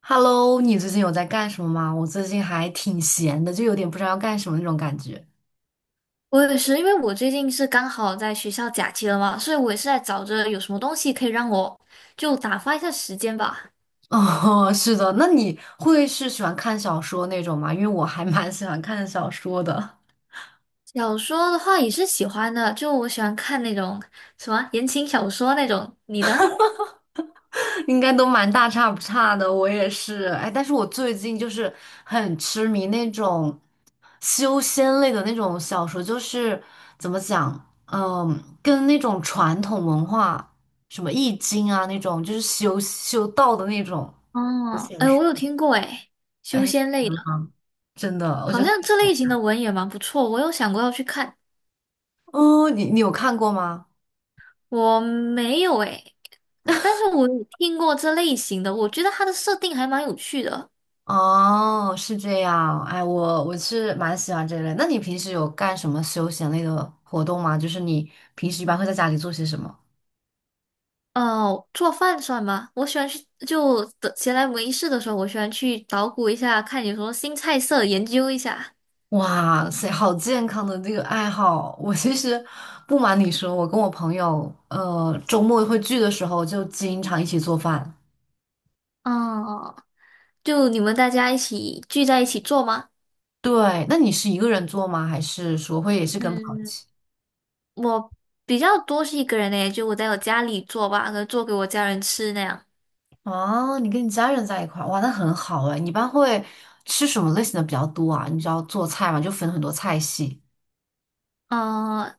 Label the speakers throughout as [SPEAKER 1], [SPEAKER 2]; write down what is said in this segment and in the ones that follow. [SPEAKER 1] Hello，你最近有在干什么吗？我最近还挺闲的，就有点不知道要干什么那种感觉。
[SPEAKER 2] 我也是，因为我最近是刚好在学校假期了嘛，所以我也是在找着有什么东西可以让我就打发一下时间吧。
[SPEAKER 1] 哦，是的，那你会是喜欢看小说那种吗？因为我还蛮喜欢看小说的，
[SPEAKER 2] 小说的话也是喜欢的，就我喜欢看那种什么言情小说那种。你呢？
[SPEAKER 1] 应该都蛮大差不差的。我也是，哎，但是我最近就是很痴迷那种修仙类的那种小说，就是怎么讲，跟那种传统文化，什么易经啊那种，就是修修道的那种，我
[SPEAKER 2] 哦，
[SPEAKER 1] 想
[SPEAKER 2] 哎，
[SPEAKER 1] 说，
[SPEAKER 2] 我有听过哎，修
[SPEAKER 1] 哎。
[SPEAKER 2] 仙类的，
[SPEAKER 1] 真的，我
[SPEAKER 2] 好
[SPEAKER 1] 觉得
[SPEAKER 2] 像这类型的文也蛮不错，我有想过要去看，
[SPEAKER 1] 哦，你有看过吗？
[SPEAKER 2] 我没有哎，但是我有听过这类型的，我觉得它的设定还蛮有趣的。
[SPEAKER 1] 哦，是这样，哎，我是蛮喜欢这类。那你平时有干什么休闲类的活动吗？就是你平时一般会在家里做些什么？
[SPEAKER 2] 哦，做饭算吗？我喜欢去，就的闲来无事的时候，我喜欢去捣鼓一下，看有什么新菜色，研究一下。
[SPEAKER 1] 哇塞，好健康的这个爱好！我其实不瞒你说，我跟我朋友，周末会聚的时候就经常一起做饭。
[SPEAKER 2] 哦，就你们大家一起聚在一起做吗？
[SPEAKER 1] 对，那你是一个人做吗？还是说会也是跟朋友？一
[SPEAKER 2] 嗯，
[SPEAKER 1] 起？
[SPEAKER 2] 我比较多是一个人呢，就我在我家里做吧，可能做给我家人吃那样。
[SPEAKER 1] 哦，你跟你家人在一块儿，哇，那很好哎。你一般会吃什么类型的比较多啊？你知道做菜嘛，就分很多菜系。
[SPEAKER 2] 嗯，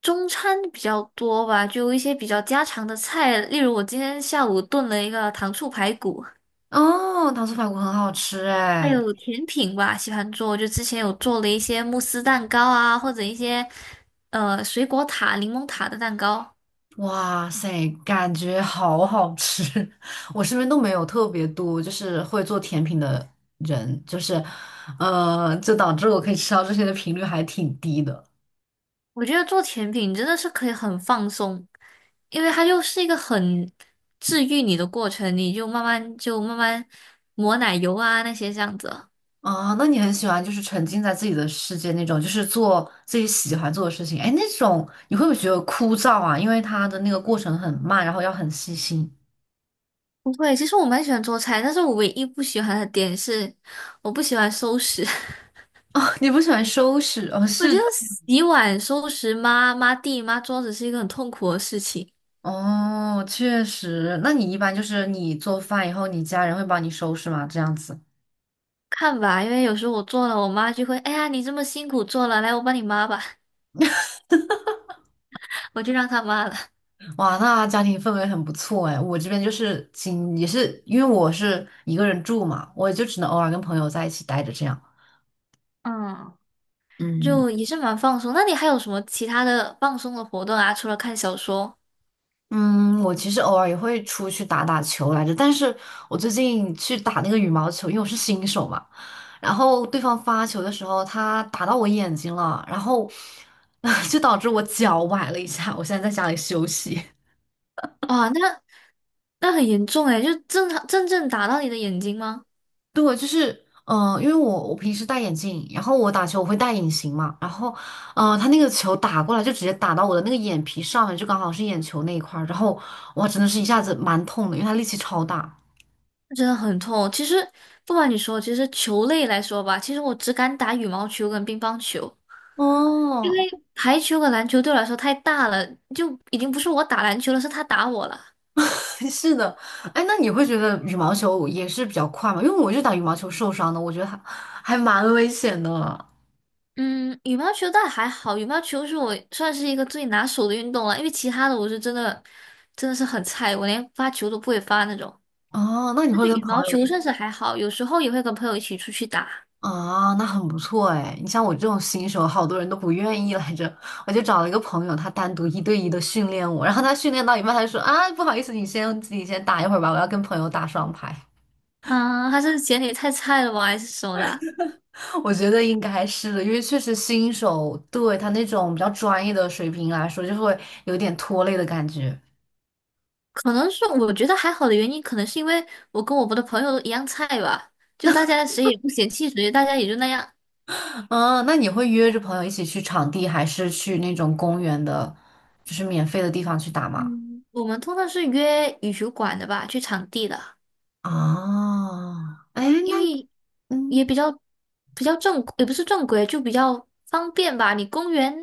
[SPEAKER 2] 中餐比较多吧，就一些比较家常的菜，例如我今天下午炖了一个糖醋排骨。
[SPEAKER 1] 哦，糖醋排骨很好吃
[SPEAKER 2] 还
[SPEAKER 1] 哎，
[SPEAKER 2] 有甜品吧，喜欢做，就之前有做了一些慕斯蛋糕啊，或者一些水果塔、柠檬塔的蛋糕。
[SPEAKER 1] 哇塞，感觉好好吃。我身边都没有特别多就是会做甜品的人，就是，就导致我可以吃到这些的频率还挺低的。
[SPEAKER 2] 我觉得做甜品真的是可以很放松，因为它就是一个很治愈你的过程，你就慢慢抹奶油啊那些这样子。
[SPEAKER 1] 啊，那你很喜欢就是沉浸在自己的世界那种，就是做自己喜欢做的事情。哎，那种你会不会觉得枯燥啊？因为它的那个过程很慢，然后要很细心。
[SPEAKER 2] 不会，其实我蛮喜欢做菜，但是我唯一不喜欢的点是，我不喜欢收拾。
[SPEAKER 1] 哦，你不喜欢收拾？哦，
[SPEAKER 2] 我觉
[SPEAKER 1] 是
[SPEAKER 2] 得洗碗、收拾抹抹地、抹桌子是一个很痛苦的事情。
[SPEAKER 1] 哦，确实。那你一般就是你做饭以后，你家人会帮你收拾吗？这样子。
[SPEAKER 2] 看吧，因为有时候我做了，我妈就会，哎呀，你这么辛苦做了，来，我帮你抹吧，我就让他抹了，
[SPEAKER 1] 哇，那家庭氛围很不错哎。我这边就是仅也是因为我是一个人住嘛，我就只能偶尔跟朋友在一起待着这样。
[SPEAKER 2] 嗯，
[SPEAKER 1] 嗯。
[SPEAKER 2] 就也是蛮放松。那你还有什么其他的放松的活动啊？除了看小说？
[SPEAKER 1] 嗯，我其实偶尔也会出去打打球来着，但是我最近去打那个羽毛球，因为我是新手嘛，然后对方发球的时候，他打到我眼睛了，然后 就导致我脚崴了一下，我现在在家里休息。
[SPEAKER 2] 哇，那很严重诶，就正常真正打到你的眼睛吗？
[SPEAKER 1] 对，就是因为我平时戴眼镜，然后我打球我会戴隐形嘛，然后他那个球打过来就直接打到我的那个眼皮上面，就刚好是眼球那一块儿，然后哇，真的是一下子蛮痛的，因为他力气超大。
[SPEAKER 2] 真的很痛。其实不瞒你说，其实球类来说吧，其实我只敢打羽毛球跟乒乓球，
[SPEAKER 1] 哦，
[SPEAKER 2] 排球和篮球对我来说太大了，就已经不是我打篮球了，是他打我了。
[SPEAKER 1] 是的，哎，那你会觉得羽毛球也是比较快吗？因为我就打羽毛球受伤的，我觉得还蛮危险的。
[SPEAKER 2] 嗯，羽毛球倒还好，羽毛球是我算是一个最拿手的运动了，因为其他的我是真的是很菜，我连发球都不会发那种。
[SPEAKER 1] 哦，那你
[SPEAKER 2] 但
[SPEAKER 1] 会
[SPEAKER 2] 是
[SPEAKER 1] 跟
[SPEAKER 2] 羽
[SPEAKER 1] 朋
[SPEAKER 2] 毛
[SPEAKER 1] 友
[SPEAKER 2] 球
[SPEAKER 1] 一
[SPEAKER 2] 算是还好，有时候也会跟朋友一起出去打。
[SPEAKER 1] 啊？那很不错哎。你像我这种新手，好多人都不愿意来着。我就找了一个朋友，他单独一对一的训练我，然后他训练到一半，他就说啊，不好意思，你先自己先打一会儿吧，我要跟朋友打双排。
[SPEAKER 2] 啊，还是嫌你太菜了吧，还是什么的？
[SPEAKER 1] 我觉得应该是的，因为确实新手对他那种比较专业的水平来说，就会有点拖累的感觉。
[SPEAKER 2] 可能是我觉得还好的原因，可能是因为我跟我们的朋友都一样菜吧，就大家谁也不嫌弃谁，大家也就那样。
[SPEAKER 1] 啊，那你会约着朋友一起去场地，还是去那种公园的，就是免费的地方去打吗？
[SPEAKER 2] 嗯，我们通常是约羽球馆的吧，去场地的。
[SPEAKER 1] 啊，哎，
[SPEAKER 2] 因
[SPEAKER 1] 那
[SPEAKER 2] 为
[SPEAKER 1] 嗯
[SPEAKER 2] 也比较正，也不是正规，就比较方便吧。你公园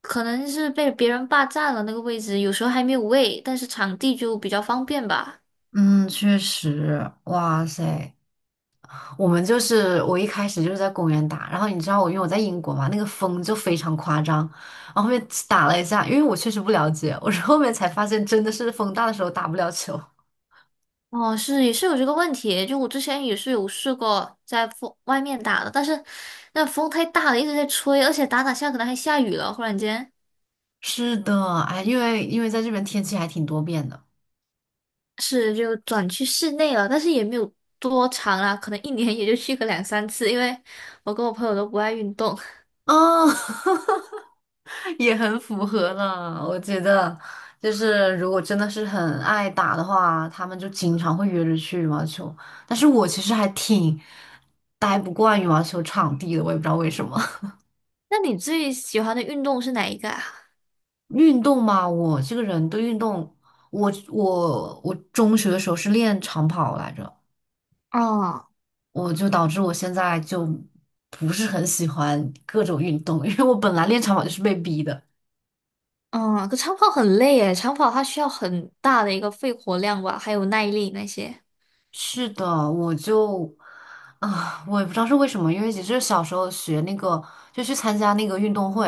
[SPEAKER 2] 可能是被别人霸占了那个位置，有时候还没有位，但是场地就比较方便吧。
[SPEAKER 1] 嗯，确实，哇塞，我们就是我一开始就是在公园打，然后你知道我因为我在英国嘛，那个风就非常夸张，然后后面打了一下，因为我确实不了解，我是后面才发现真的是风大的时候打不了球。
[SPEAKER 2] 哦，是也是有这个问题，就我之前也是有试过在风外面打的，但是那风太大了，一直在吹，而且打打下可能还下雨了，忽然间
[SPEAKER 1] 是的，哎，因为在这边天气还挺多变的。
[SPEAKER 2] 是就转去室内了，但是也没有多长啦，可能一年也就去个两三次，因为我跟我朋友都不爱运动。
[SPEAKER 1] 啊。也很符合了，我觉得就是如果真的是很爱打的话，他们就经常会约着去羽毛球。但是我其实还挺待不惯羽毛球场地的，我也不知道为什么。
[SPEAKER 2] 那你最喜欢的运动是哪一个啊？
[SPEAKER 1] 运动嘛，我这个人对运动，我中学的时候是练长跑来着，
[SPEAKER 2] 哦，
[SPEAKER 1] 我就导致我现在就不是很喜欢各种运动，因为我本来练长跑就是被逼的。
[SPEAKER 2] 嗯，可长跑很累诶，长跑它需要很大的一个肺活量吧，还有耐力那些。
[SPEAKER 1] 是的，我就我也不知道是为什么，因为其实小时候学那个，就去参加那个运动会，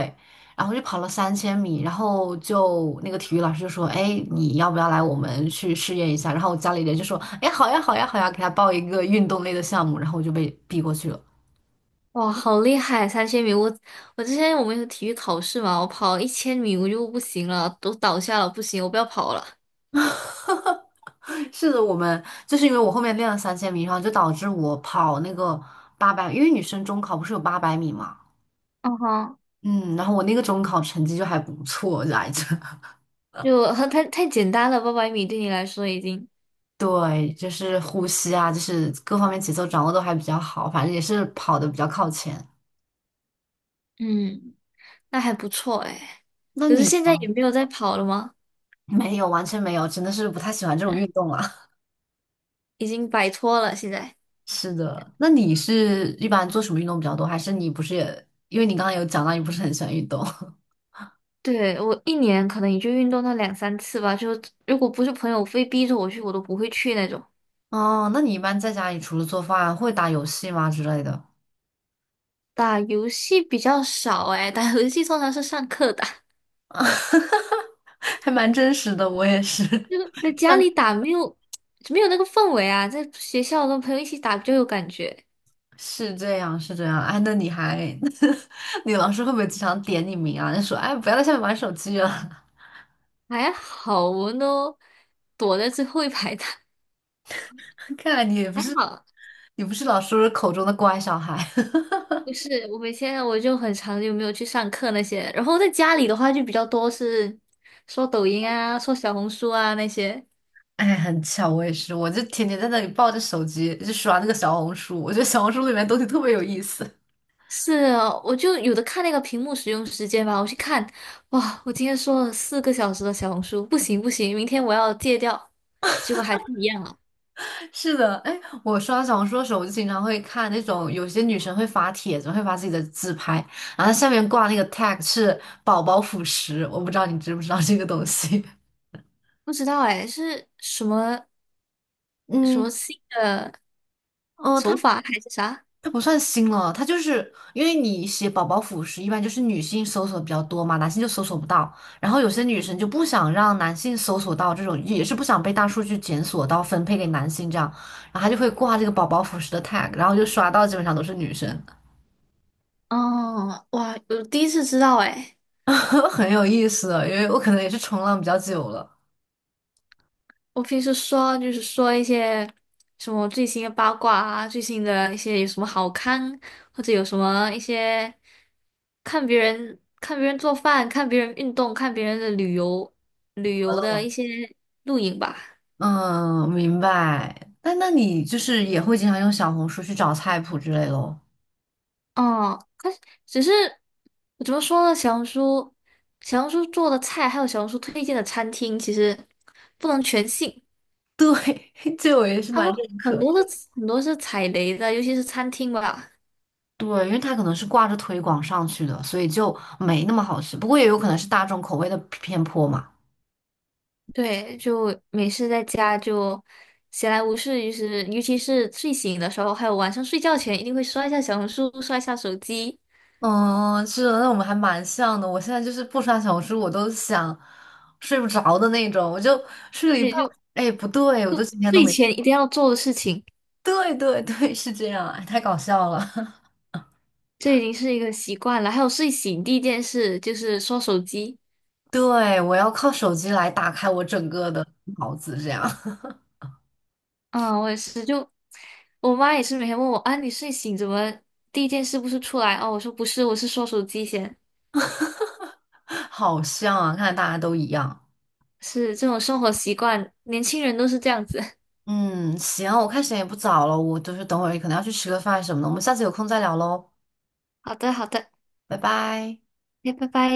[SPEAKER 1] 然后就跑了三千米，然后就那个体育老师就说：“哎，你要不要来我们去试验一下？”然后我家里人就说：“哎，好呀，好呀，好呀，给他报一个运动类的项目。”然后我就被逼过去了。
[SPEAKER 2] 哇，好厉害！3000米，我之前我们有体育考试嘛，我跑1000米我就不行了，都倒下了，不行，我不要跑了，
[SPEAKER 1] 是的，我们就是因为我后面练了三千米，然后就导致我跑那个八百，因为女生中考不是有800米嘛，
[SPEAKER 2] 嗯哼，
[SPEAKER 1] 嗯，然后我那个中考成绩就还不错来着。
[SPEAKER 2] 就很太简单了，800米对你来说已经，
[SPEAKER 1] 对，就是呼吸啊，就是各方面节奏掌握都还比较好，反正也是跑的比较靠前。
[SPEAKER 2] 嗯，那还不错诶。
[SPEAKER 1] 那
[SPEAKER 2] 可是
[SPEAKER 1] 你
[SPEAKER 2] 现在也没有在跑了吗？
[SPEAKER 1] 没有，完全没有，真的是不太喜欢这种运动了。
[SPEAKER 2] 已经摆脱了现在。
[SPEAKER 1] 是的，那你是一般做什么运动比较多？还是你不是也，因为你刚刚有讲到你不是很喜欢运动
[SPEAKER 2] 对，我一年可能也就运动到两三次吧，就如果不是朋友非逼着我去，我都不会去那种。
[SPEAKER 1] 哦？那你一般在家里除了做饭，会打游戏吗之类的？
[SPEAKER 2] 打游戏比较少诶，打游戏通常是上课打，
[SPEAKER 1] 还蛮真实的，我也是。
[SPEAKER 2] 就是在 家
[SPEAKER 1] 上
[SPEAKER 2] 里打没有 没有那个氛围啊，在学校跟朋友一起打就有感觉，
[SPEAKER 1] 是这样，是这样。哎，那你还，你老师会不会经常点你名啊？就说，哎，不要在下面玩手机了。
[SPEAKER 2] 还好我们都躲在最后一排打，
[SPEAKER 1] 看来你也不
[SPEAKER 2] 还
[SPEAKER 1] 是，
[SPEAKER 2] 好。
[SPEAKER 1] 你不是老师口中的乖小孩。
[SPEAKER 2] 不是，我们现在我就很长就没有去上课那些，然后在家里的话就比较多是刷抖音啊、刷小红书啊那些。
[SPEAKER 1] 哎，很巧，我也是，我就天天在那里抱着手机，就刷那个小红书。我觉得小红书里面东西特别有意思。
[SPEAKER 2] 是啊，我就有的看那个屏幕使用时间吧，我去看，哇，我今天说了4个小时的小红书，不行不行，明天我要戒掉。
[SPEAKER 1] 是的，哎，我刷小红书的时候，我就经常会看那种有些女生会发帖子，会发自己的自拍，然后它下面挂那个 tag 是宝宝辅食，我不知道你知不知道这个东西。
[SPEAKER 2] 不知道哎，是什么
[SPEAKER 1] 嗯，
[SPEAKER 2] 新的
[SPEAKER 1] 哦，
[SPEAKER 2] 手
[SPEAKER 1] 它
[SPEAKER 2] 法还是啥？
[SPEAKER 1] 它不算新了，它就是因为你写宝宝辅食，一般就是女性搜索比较多嘛，男性就搜索不到。然后有些女生就不想让男性搜索到这种，也是不想被大数据检索到分配给男性这样，然后她就会挂这个宝宝辅食的 tag，然后就刷到基本上都是女生，
[SPEAKER 2] 哦，哇，我第一次知道哎。
[SPEAKER 1] 很有意思的因为我可能也是冲浪比较久了。
[SPEAKER 2] 我平时说就是说一些什么最新的八卦啊，最新的一些有什么好看，或者有什么一些看别人做饭、看别人运动、看别人的旅游的一些录影吧。
[SPEAKER 1] 嗯，明白。那你就是也会经常用小红书去找菜谱之类咯？
[SPEAKER 2] 哦，可是只是怎么说呢？小红书做的菜，还有小红书推荐的餐厅，其实不能全信，
[SPEAKER 1] 对，这我也是
[SPEAKER 2] 他
[SPEAKER 1] 蛮
[SPEAKER 2] 们
[SPEAKER 1] 认可。
[SPEAKER 2] 很多是踩雷的，尤其是餐厅吧。
[SPEAKER 1] 对，因为它可能是挂着推广上去的，所以就没那么好吃。不过也有可能是大众口味的偏颇嘛。
[SPEAKER 2] 对，就没事在家就闲来无事，就是尤其是睡醒的时候，还有晚上睡觉前，一定会刷一下小红书，刷一下手机。
[SPEAKER 1] 嗯，是的，那我们还蛮像的。我现在就是不刷小红书，我都想睡不着的那种，我就睡了一半，
[SPEAKER 2] 对，就
[SPEAKER 1] 哎，不对，我都今天都
[SPEAKER 2] 睡
[SPEAKER 1] 没。
[SPEAKER 2] 前一定要做的事情，
[SPEAKER 1] 对对对，是这样，哎，太搞笑了。
[SPEAKER 2] 这已经是一个习惯了。还有睡醒第一件事就是刷手机。
[SPEAKER 1] 对，我要靠手机来打开我整个的脑子，这样
[SPEAKER 2] 嗯，我也是，就我妈也是每天问我啊，你睡醒怎么第一件事不是出来？哦，我说不是，我是刷手机先。
[SPEAKER 1] 好像啊，看来大家都一样。
[SPEAKER 2] 是这种生活习惯，年轻人都是这样子。
[SPEAKER 1] 嗯，行，我看时间也不早了，我就是等会儿可能要去吃个饭什么的，我们下次有空再聊喽。
[SPEAKER 2] 好的，好的，
[SPEAKER 1] 拜拜。
[SPEAKER 2] 那拜拜。